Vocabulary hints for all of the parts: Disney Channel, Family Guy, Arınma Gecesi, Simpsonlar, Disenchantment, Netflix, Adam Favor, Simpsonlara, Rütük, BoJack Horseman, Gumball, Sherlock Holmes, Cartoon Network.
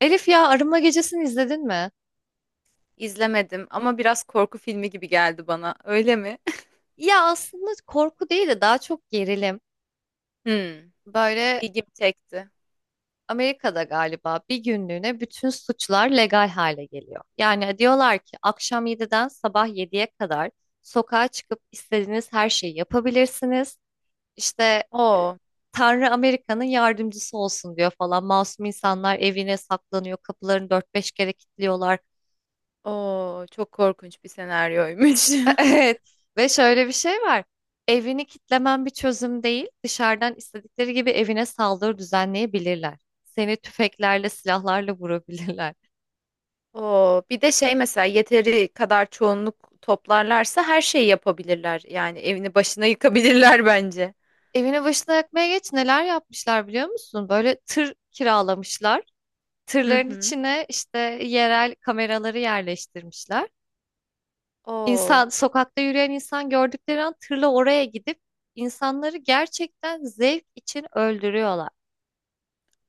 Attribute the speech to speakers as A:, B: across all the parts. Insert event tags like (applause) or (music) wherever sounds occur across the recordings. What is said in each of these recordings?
A: Elif, ya Arınma Gecesi'ni izledin mi?
B: İzlemedim ama biraz korku filmi gibi geldi bana. Öyle mi? (laughs)
A: Ya aslında korku değil de daha çok gerilim.
B: Hmm,
A: Böyle
B: ilgimi çekti.
A: Amerika'da galiba bir günlüğüne bütün suçlar legal hale geliyor. Yani diyorlar ki akşam 7'den sabah 7'ye kadar sokağa çıkıp istediğiniz her şeyi yapabilirsiniz. İşte e,
B: Oo,
A: Tanrı Amerika'nın yardımcısı olsun diyor falan. Masum insanlar evine saklanıyor, kapılarını dört beş kere kilitliyorlar.
B: oo, çok korkunç bir senaryoymuş.
A: (laughs) Evet, ve şöyle bir şey var. Evini kitlemen bir çözüm değil. Dışarıdan istedikleri gibi evine saldırı düzenleyebilirler. Seni tüfeklerle, silahlarla vurabilirler.
B: (laughs) Oo, bir de şey mesela yeteri kadar çoğunluk toplarlarsa her şeyi yapabilirler. Yani evini başına yıkabilirler (laughs) bence.
A: (laughs) Evine başına yakmaya geç neler yapmışlar biliyor musun? Böyle tır kiralamışlar.
B: Hı
A: Tırların
B: hı.
A: içine işte yerel kameraları yerleştirmişler.
B: Oo,
A: İnsan, sokakta yürüyen insan gördükleri an tırla oraya gidip insanları gerçekten zevk için öldürüyorlar.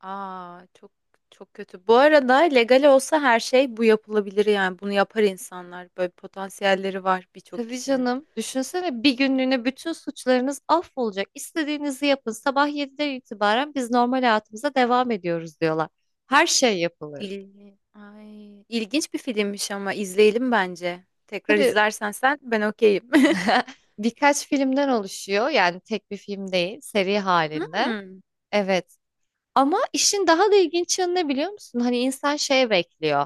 B: aa, çok çok kötü. Bu arada legal olsa her şey bu yapılabilir yani bunu yapar insanlar. Böyle potansiyelleri var birçok
A: Tabii
B: kişinin.
A: canım. Düşünsene bir günlüğüne bütün suçlarınız affolacak. İstediğinizi yapın. Sabah 7'den itibaren biz normal hayatımıza devam ediyoruz diyorlar. Her şey yapılır.
B: İl... Ay, ilginç bir filmmiş ama izleyelim bence. Tekrar
A: Tabii,
B: izlersen sen ben okeyim. (laughs)
A: (laughs) birkaç filmden oluşuyor. Yani tek bir film değil, seri halinde.
B: Hmm.
A: Evet, ama işin daha da ilginç yanı ne biliyor musun? Hani insan şeye bekliyor.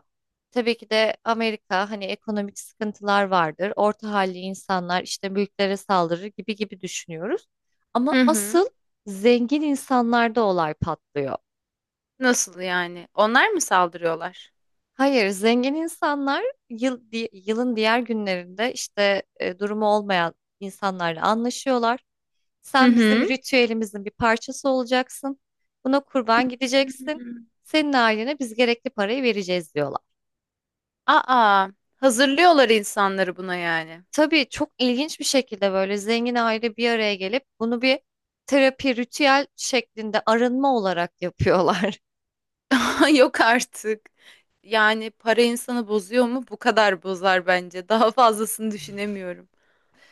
A: Tabii ki de Amerika hani ekonomik sıkıntılar vardır. Orta halli insanlar işte mülklere saldırır gibi gibi düşünüyoruz. Ama
B: Hı hı.
A: asıl zengin insanlarda olay patlıyor.
B: Nasıl yani? Onlar mı saldırıyorlar?
A: Hayır, zengin insanlar yılın diğer günlerinde işte durumu olmayan insanlarla anlaşıyorlar.
B: Hı
A: Sen bizim
B: hı.
A: ritüelimizin bir parçası olacaksın. Buna kurban gideceksin.
B: Hmm.
A: Senin ailene biz gerekli parayı vereceğiz diyorlar.
B: Aa, hazırlıyorlar insanları buna yani.
A: Tabii çok ilginç bir şekilde böyle zengin aile bir araya gelip bunu bir terapi ritüel şeklinde arınma olarak yapıyorlar.
B: (laughs) Yok artık. Yani para insanı bozuyor mu? Bu kadar bozar bence. Daha fazlasını düşünemiyorum.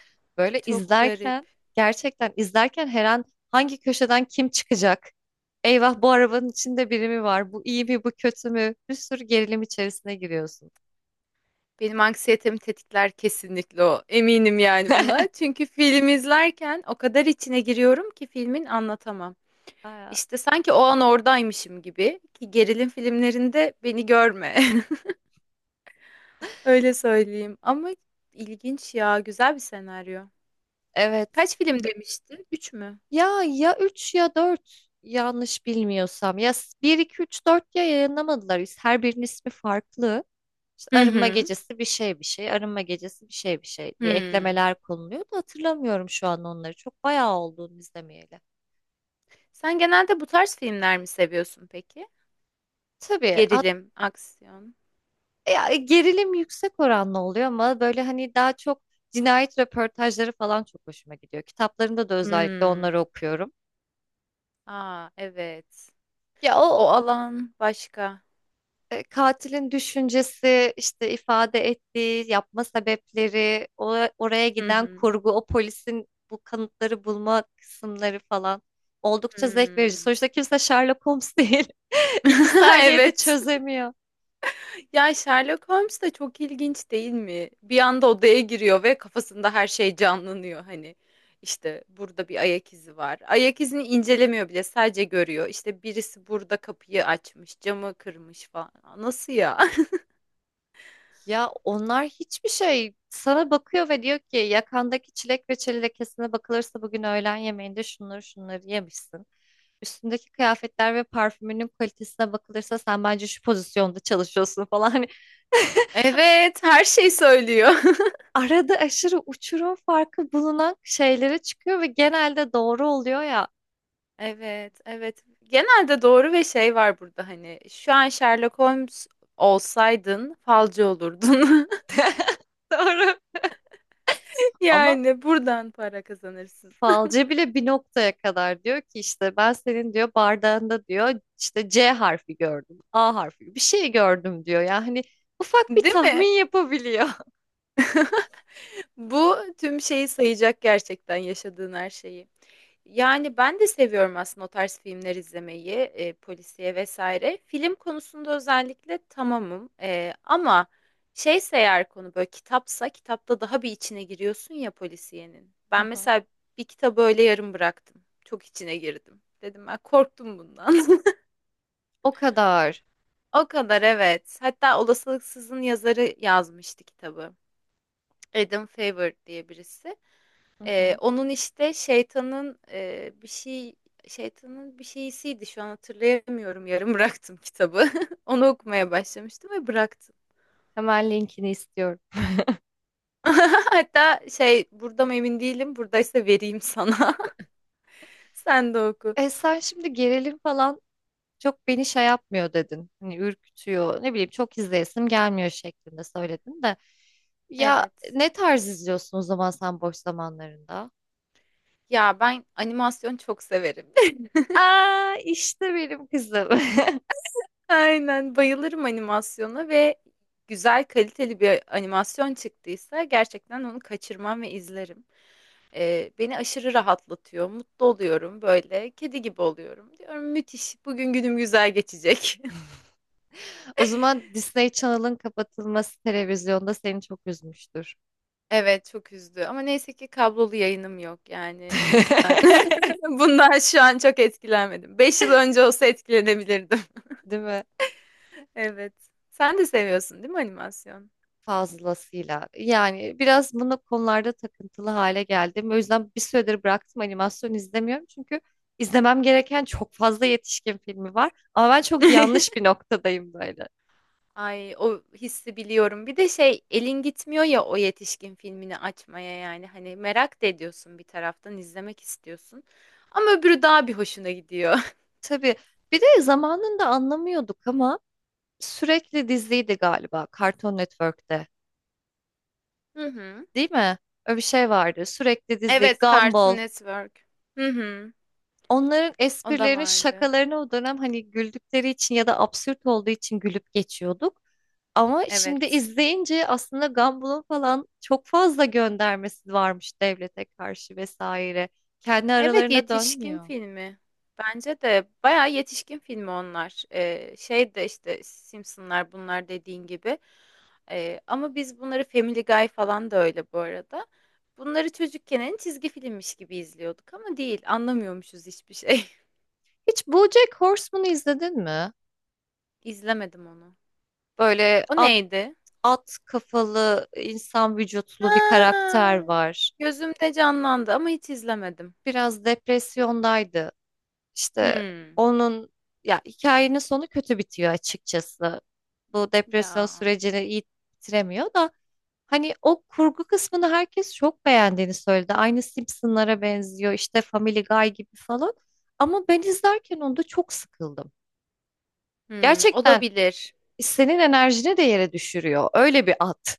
A: (laughs) Böyle
B: Çok garip.
A: izlerken gerçekten izlerken her an hangi köşeden kim çıkacak? Eyvah, bu arabanın içinde biri mi var? Bu iyi mi, bu kötü mü? Bir sürü gerilim içerisine giriyorsun.
B: Benim anksiyetemi tetikler kesinlikle o. Eminim yani buna.
A: (laughs)
B: Çünkü film izlerken o kadar içine giriyorum ki filmin anlatamam.
A: Aya.
B: İşte sanki o an oradaymışım gibi ki gerilim filmlerinde beni görme. (laughs) Öyle söyleyeyim. Ama ilginç ya, güzel bir senaryo.
A: Evet.
B: Kaç film demiştin? Üç mü?
A: Ya ya 3 ya dört, yanlış bilmiyorsam. Bir 2 3 4 ya yayınlamadılar. Her birinin ismi farklı. İşte
B: Hı
A: arınma
B: hı.
A: gecesi bir şey bir şey, arınma gecesi bir şey bir şey diye
B: Hmm.
A: eklemeler konuluyor da hatırlamıyorum şu an onları. Çok bayağı olduğunu izlemeyeli.
B: Sen genelde bu tarz filmler mi seviyorsun peki?
A: Tabii hat-
B: Gerilim, aksiyon.
A: Ya, gerilim yüksek oranlı oluyor ama böyle hani daha çok cinayet röportajları falan çok hoşuma gidiyor. Kitaplarında da özellikle onları
B: Hmm.
A: okuyorum.
B: Aa, evet.
A: Ya o
B: O alan başka.
A: katilin düşüncesi, işte ifade ettiği, yapma sebepleri, o, oraya
B: Hı
A: giden
B: hı.
A: kurgu, o polisin bu kanıtları bulma kısımları falan oldukça zevk verici.
B: Hmm.
A: Sonuçta kimse Sherlock Holmes değil. (laughs) İki
B: (laughs)
A: saniyede
B: Evet.
A: çözemiyor.
B: Ya Sherlock Holmes de çok ilginç değil mi? Bir anda odaya giriyor ve kafasında her şey canlanıyor. Hani işte burada bir ayak izi var. Ayak izini incelemiyor bile, sadece görüyor. İşte birisi burada kapıyı açmış, camı kırmış falan. Nasıl ya? (laughs)
A: Ya onlar hiçbir şey sana bakıyor ve diyor ki yakandaki çilek ve çeli lekesine bakılırsa bugün öğlen yemeğinde şunları şunları yemişsin. Üstündeki kıyafetler ve parfümünün kalitesine bakılırsa sen bence şu pozisyonda çalışıyorsun falan. Hani (laughs)
B: Evet, her şey söylüyor.
A: arada aşırı uçurum farkı bulunan şeylere çıkıyor ve genelde doğru oluyor ya.
B: (laughs) Evet, evet. Genelde doğru ve şey var burada hani şu an Sherlock Holmes olsaydın falcı olurdun. (laughs)
A: (laughs) Doğru. Ama
B: Yani buradan para kazanırsın.
A: falcı bile bir noktaya kadar diyor ki işte ben senin diyor bardağında diyor işte C harfi gördüm, A harfi bir şey gördüm diyor. Yani hani ufak bir
B: Değil mi?
A: tahmin yapabiliyor. (laughs)
B: Bu tüm şeyi sayacak gerçekten yaşadığın her şeyi. Yani ben de seviyorum aslında o tarz filmler izlemeyi, polisiye vesaire. Film konusunda özellikle tamamım. Ama şeyse eğer konu böyle kitapsa kitapta daha bir içine giriyorsun ya polisiyenin. Ben
A: Hı hı.
B: mesela bir kitabı öyle yarım bıraktım. Çok içine girdim. Dedim ben korktum bundan. (laughs)
A: O kadar.
B: O kadar evet. Hatta Olasılıksız'ın yazarı yazmıştı kitabı. Adam Favor diye birisi.
A: Hı hı.
B: Onun işte şeytanın, bir şey şeytanın bir şeysiydi şu an hatırlayamıyorum yarım bıraktım kitabı. (laughs) Onu okumaya başlamıştım ve bıraktım.
A: Hemen linkini istiyorum.
B: (laughs) Hatta şey burada mı emin değilim buradaysa vereyim sana. (laughs) Sen de oku.
A: E sen şimdi gerilim falan çok beni şey yapmıyor dedin. Hani ürkütüyor, ne bileyim çok izleyesim gelmiyor şeklinde söyledin de. Ya
B: Evet.
A: ne tarz izliyorsun o zaman sen boş zamanlarında?
B: Ya ben animasyon çok severim. (laughs)
A: Aa, işte benim kızım. (laughs)
B: Aynen bayılırım animasyona ve güzel kaliteli bir animasyon çıktıysa gerçekten onu kaçırmam ve izlerim. Beni aşırı rahatlatıyor, mutlu oluyorum böyle, kedi gibi oluyorum. Diyorum müthiş, bugün günüm güzel geçecek. (laughs)
A: O zaman Disney Channel'ın kapatılması televizyonda seni çok üzmüştür.
B: Evet, çok üzdü ama neyse ki kablolu yayınım yok yani o yüzden.
A: (laughs)
B: (laughs) Bundan şu an çok etkilenmedim. 5 yıl önce olsa etkilenebilirdim.
A: Değil mi?
B: (laughs) Evet. Sen de seviyorsun değil mi animasyon?
A: Fazlasıyla. Yani biraz bunu konularda takıntılı hale geldim. O yüzden bir süredir bıraktım, animasyon izlemiyorum. Çünkü izlemem gereken çok fazla yetişkin filmi var. Ama ben çok yanlış
B: (laughs)
A: bir noktadayım böyle.
B: Ay o hissi biliyorum. Bir de şey elin gitmiyor ya o yetişkin filmini açmaya yani hani merak da ediyorsun bir taraftan izlemek istiyorsun. Ama öbürü daha bir hoşuna gidiyor.
A: Tabii. Bir de zamanında anlamıyorduk ama sürekli diziydi galiba Cartoon Network'te.
B: Hı hı.
A: Değil mi? Öyle bir şey vardı. Sürekli dizi,
B: Evet, Cartoon
A: Gumball.
B: Network. Hı hı.
A: Onların
B: O da
A: esprilerini,
B: vardı.
A: şakalarını o dönem hani güldükleri için ya da absürt olduğu için gülüp geçiyorduk. Ama şimdi
B: Evet.
A: izleyince aslında Gumball'ın falan çok fazla göndermesi varmış devlete karşı vesaire. Kendi
B: Evet,
A: aralarında
B: yetişkin
A: dönmüyor.
B: filmi. Bence de bayağı yetişkin filmi onlar. Şey de işte Simpsonlar bunlar dediğin gibi. Ama biz bunları Family Guy falan da öyle bu arada. Bunları çocukken en çizgi filmmiş gibi izliyorduk ama değil. Anlamıyormuşuz hiçbir şey.
A: Hiç BoJack Horseman'ı izledin mi?
B: (laughs) İzlemedim onu.
A: Böyle
B: O
A: at,
B: neydi?
A: at kafalı, insan vücutlu bir
B: Ha,
A: karakter var.
B: gözümde canlandı ama hiç izlemedim.
A: Biraz depresyondaydı. İşte
B: Hmm.
A: onun, ya hikayenin sonu kötü bitiyor açıkçası. Bu depresyon
B: Ya.
A: sürecini iyi bitiremiyor da hani o kurgu kısmını herkes çok beğendiğini söyledi. Aynı Simpsonlara benziyor, işte Family Guy gibi falan. Ama ben izlerken onda çok sıkıldım.
B: Hmm,
A: Gerçekten
B: olabilir.
A: senin enerjini de yere düşürüyor. Öyle bir at.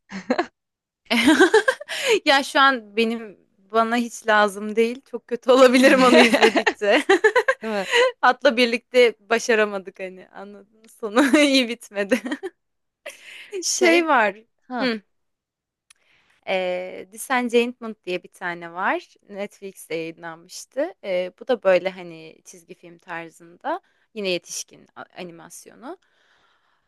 B: (laughs) Ya şu an benim bana hiç lazım değil. Çok kötü (laughs) olabilirim onu
A: (laughs)
B: izledikçe.
A: Değil mi?
B: (laughs) Hatta birlikte başaramadık hani anladın mı? Sonu (laughs) iyi bitmedi. (laughs) Şey
A: Şey
B: var.
A: ha.
B: Hı. Disenchantment diye bir tane var. Netflix'te yayınlanmıştı. Bu da böyle hani çizgi film tarzında. Yine yetişkin animasyonu.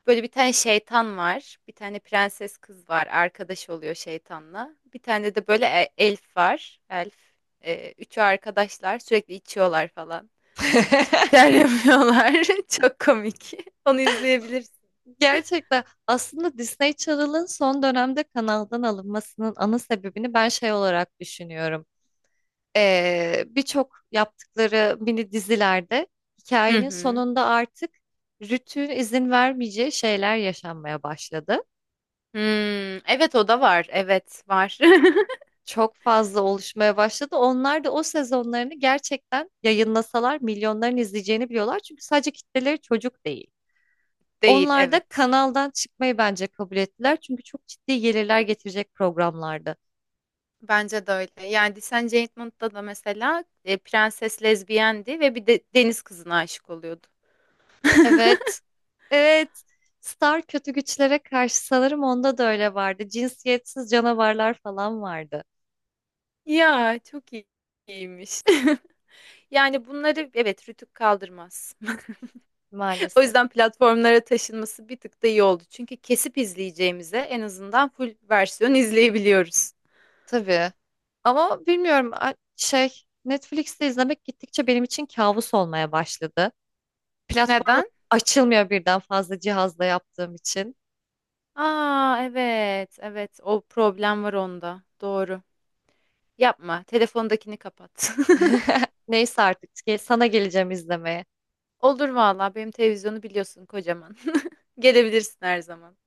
B: Böyle bir tane şeytan var. Bir tane prenses kız var. Arkadaş oluyor şeytanla. Bir tane de böyle elf var. Elf. Üçü arkadaşlar. Sürekli içiyorlar falan. İşte
A: (laughs)
B: içer yapıyorlar. (laughs) Çok komik. Onu izleyebilirsin.
A: Gerçekten aslında Disney Channel'ın son dönemde kanaldan alınmasının ana sebebini ben şey olarak düşünüyorum. Birçok yaptıkları mini dizilerde
B: Hı
A: hikayenin
B: hı.
A: sonunda artık rütüğün izin vermeyeceği şeyler yaşanmaya başladı.
B: Hmm, evet o da var. Evet var.
A: Çok fazla oluşmaya başladı. Onlar da o sezonlarını gerçekten yayınlasalar milyonların izleyeceğini biliyorlar. Çünkü sadece kitleleri çocuk değil.
B: (laughs) Değil
A: Onlar da
B: evet.
A: kanaldan çıkmayı bence kabul ettiler. Çünkü çok ciddi gelirler getirecek programlardı.
B: Bence de öyle. Yani Descent Judgment'ta da mesela prenses lezbiyendi ve bir de deniz kızına aşık oluyordu.
A: Evet. Evet. Star kötü güçlere karşı sanırım onda da öyle vardı. Cinsiyetsiz canavarlar falan vardı
B: Ya çok iyi- iyiymiş. (laughs) Yani bunları evet Rütük kaldırmaz. (laughs) O
A: maalesef.
B: yüzden platformlara taşınması bir tık da iyi oldu. Çünkü kesip izleyeceğimize en azından full versiyon izleyebiliyoruz.
A: Tabii. Ama bilmiyorum, Netflix'te izlemek gittikçe benim için kabus olmaya başladı. Platformu
B: Neden?
A: açılmıyor birden fazla cihazla yaptığım için.
B: Aa evet evet o problem var onda. Doğru. Yapma. Telefondakini kapat.
A: (laughs) Neyse artık, sana geleceğim izlemeye.
B: (laughs) Olur valla benim televizyonu biliyorsun kocaman. (laughs) Gelebilirsin her zaman.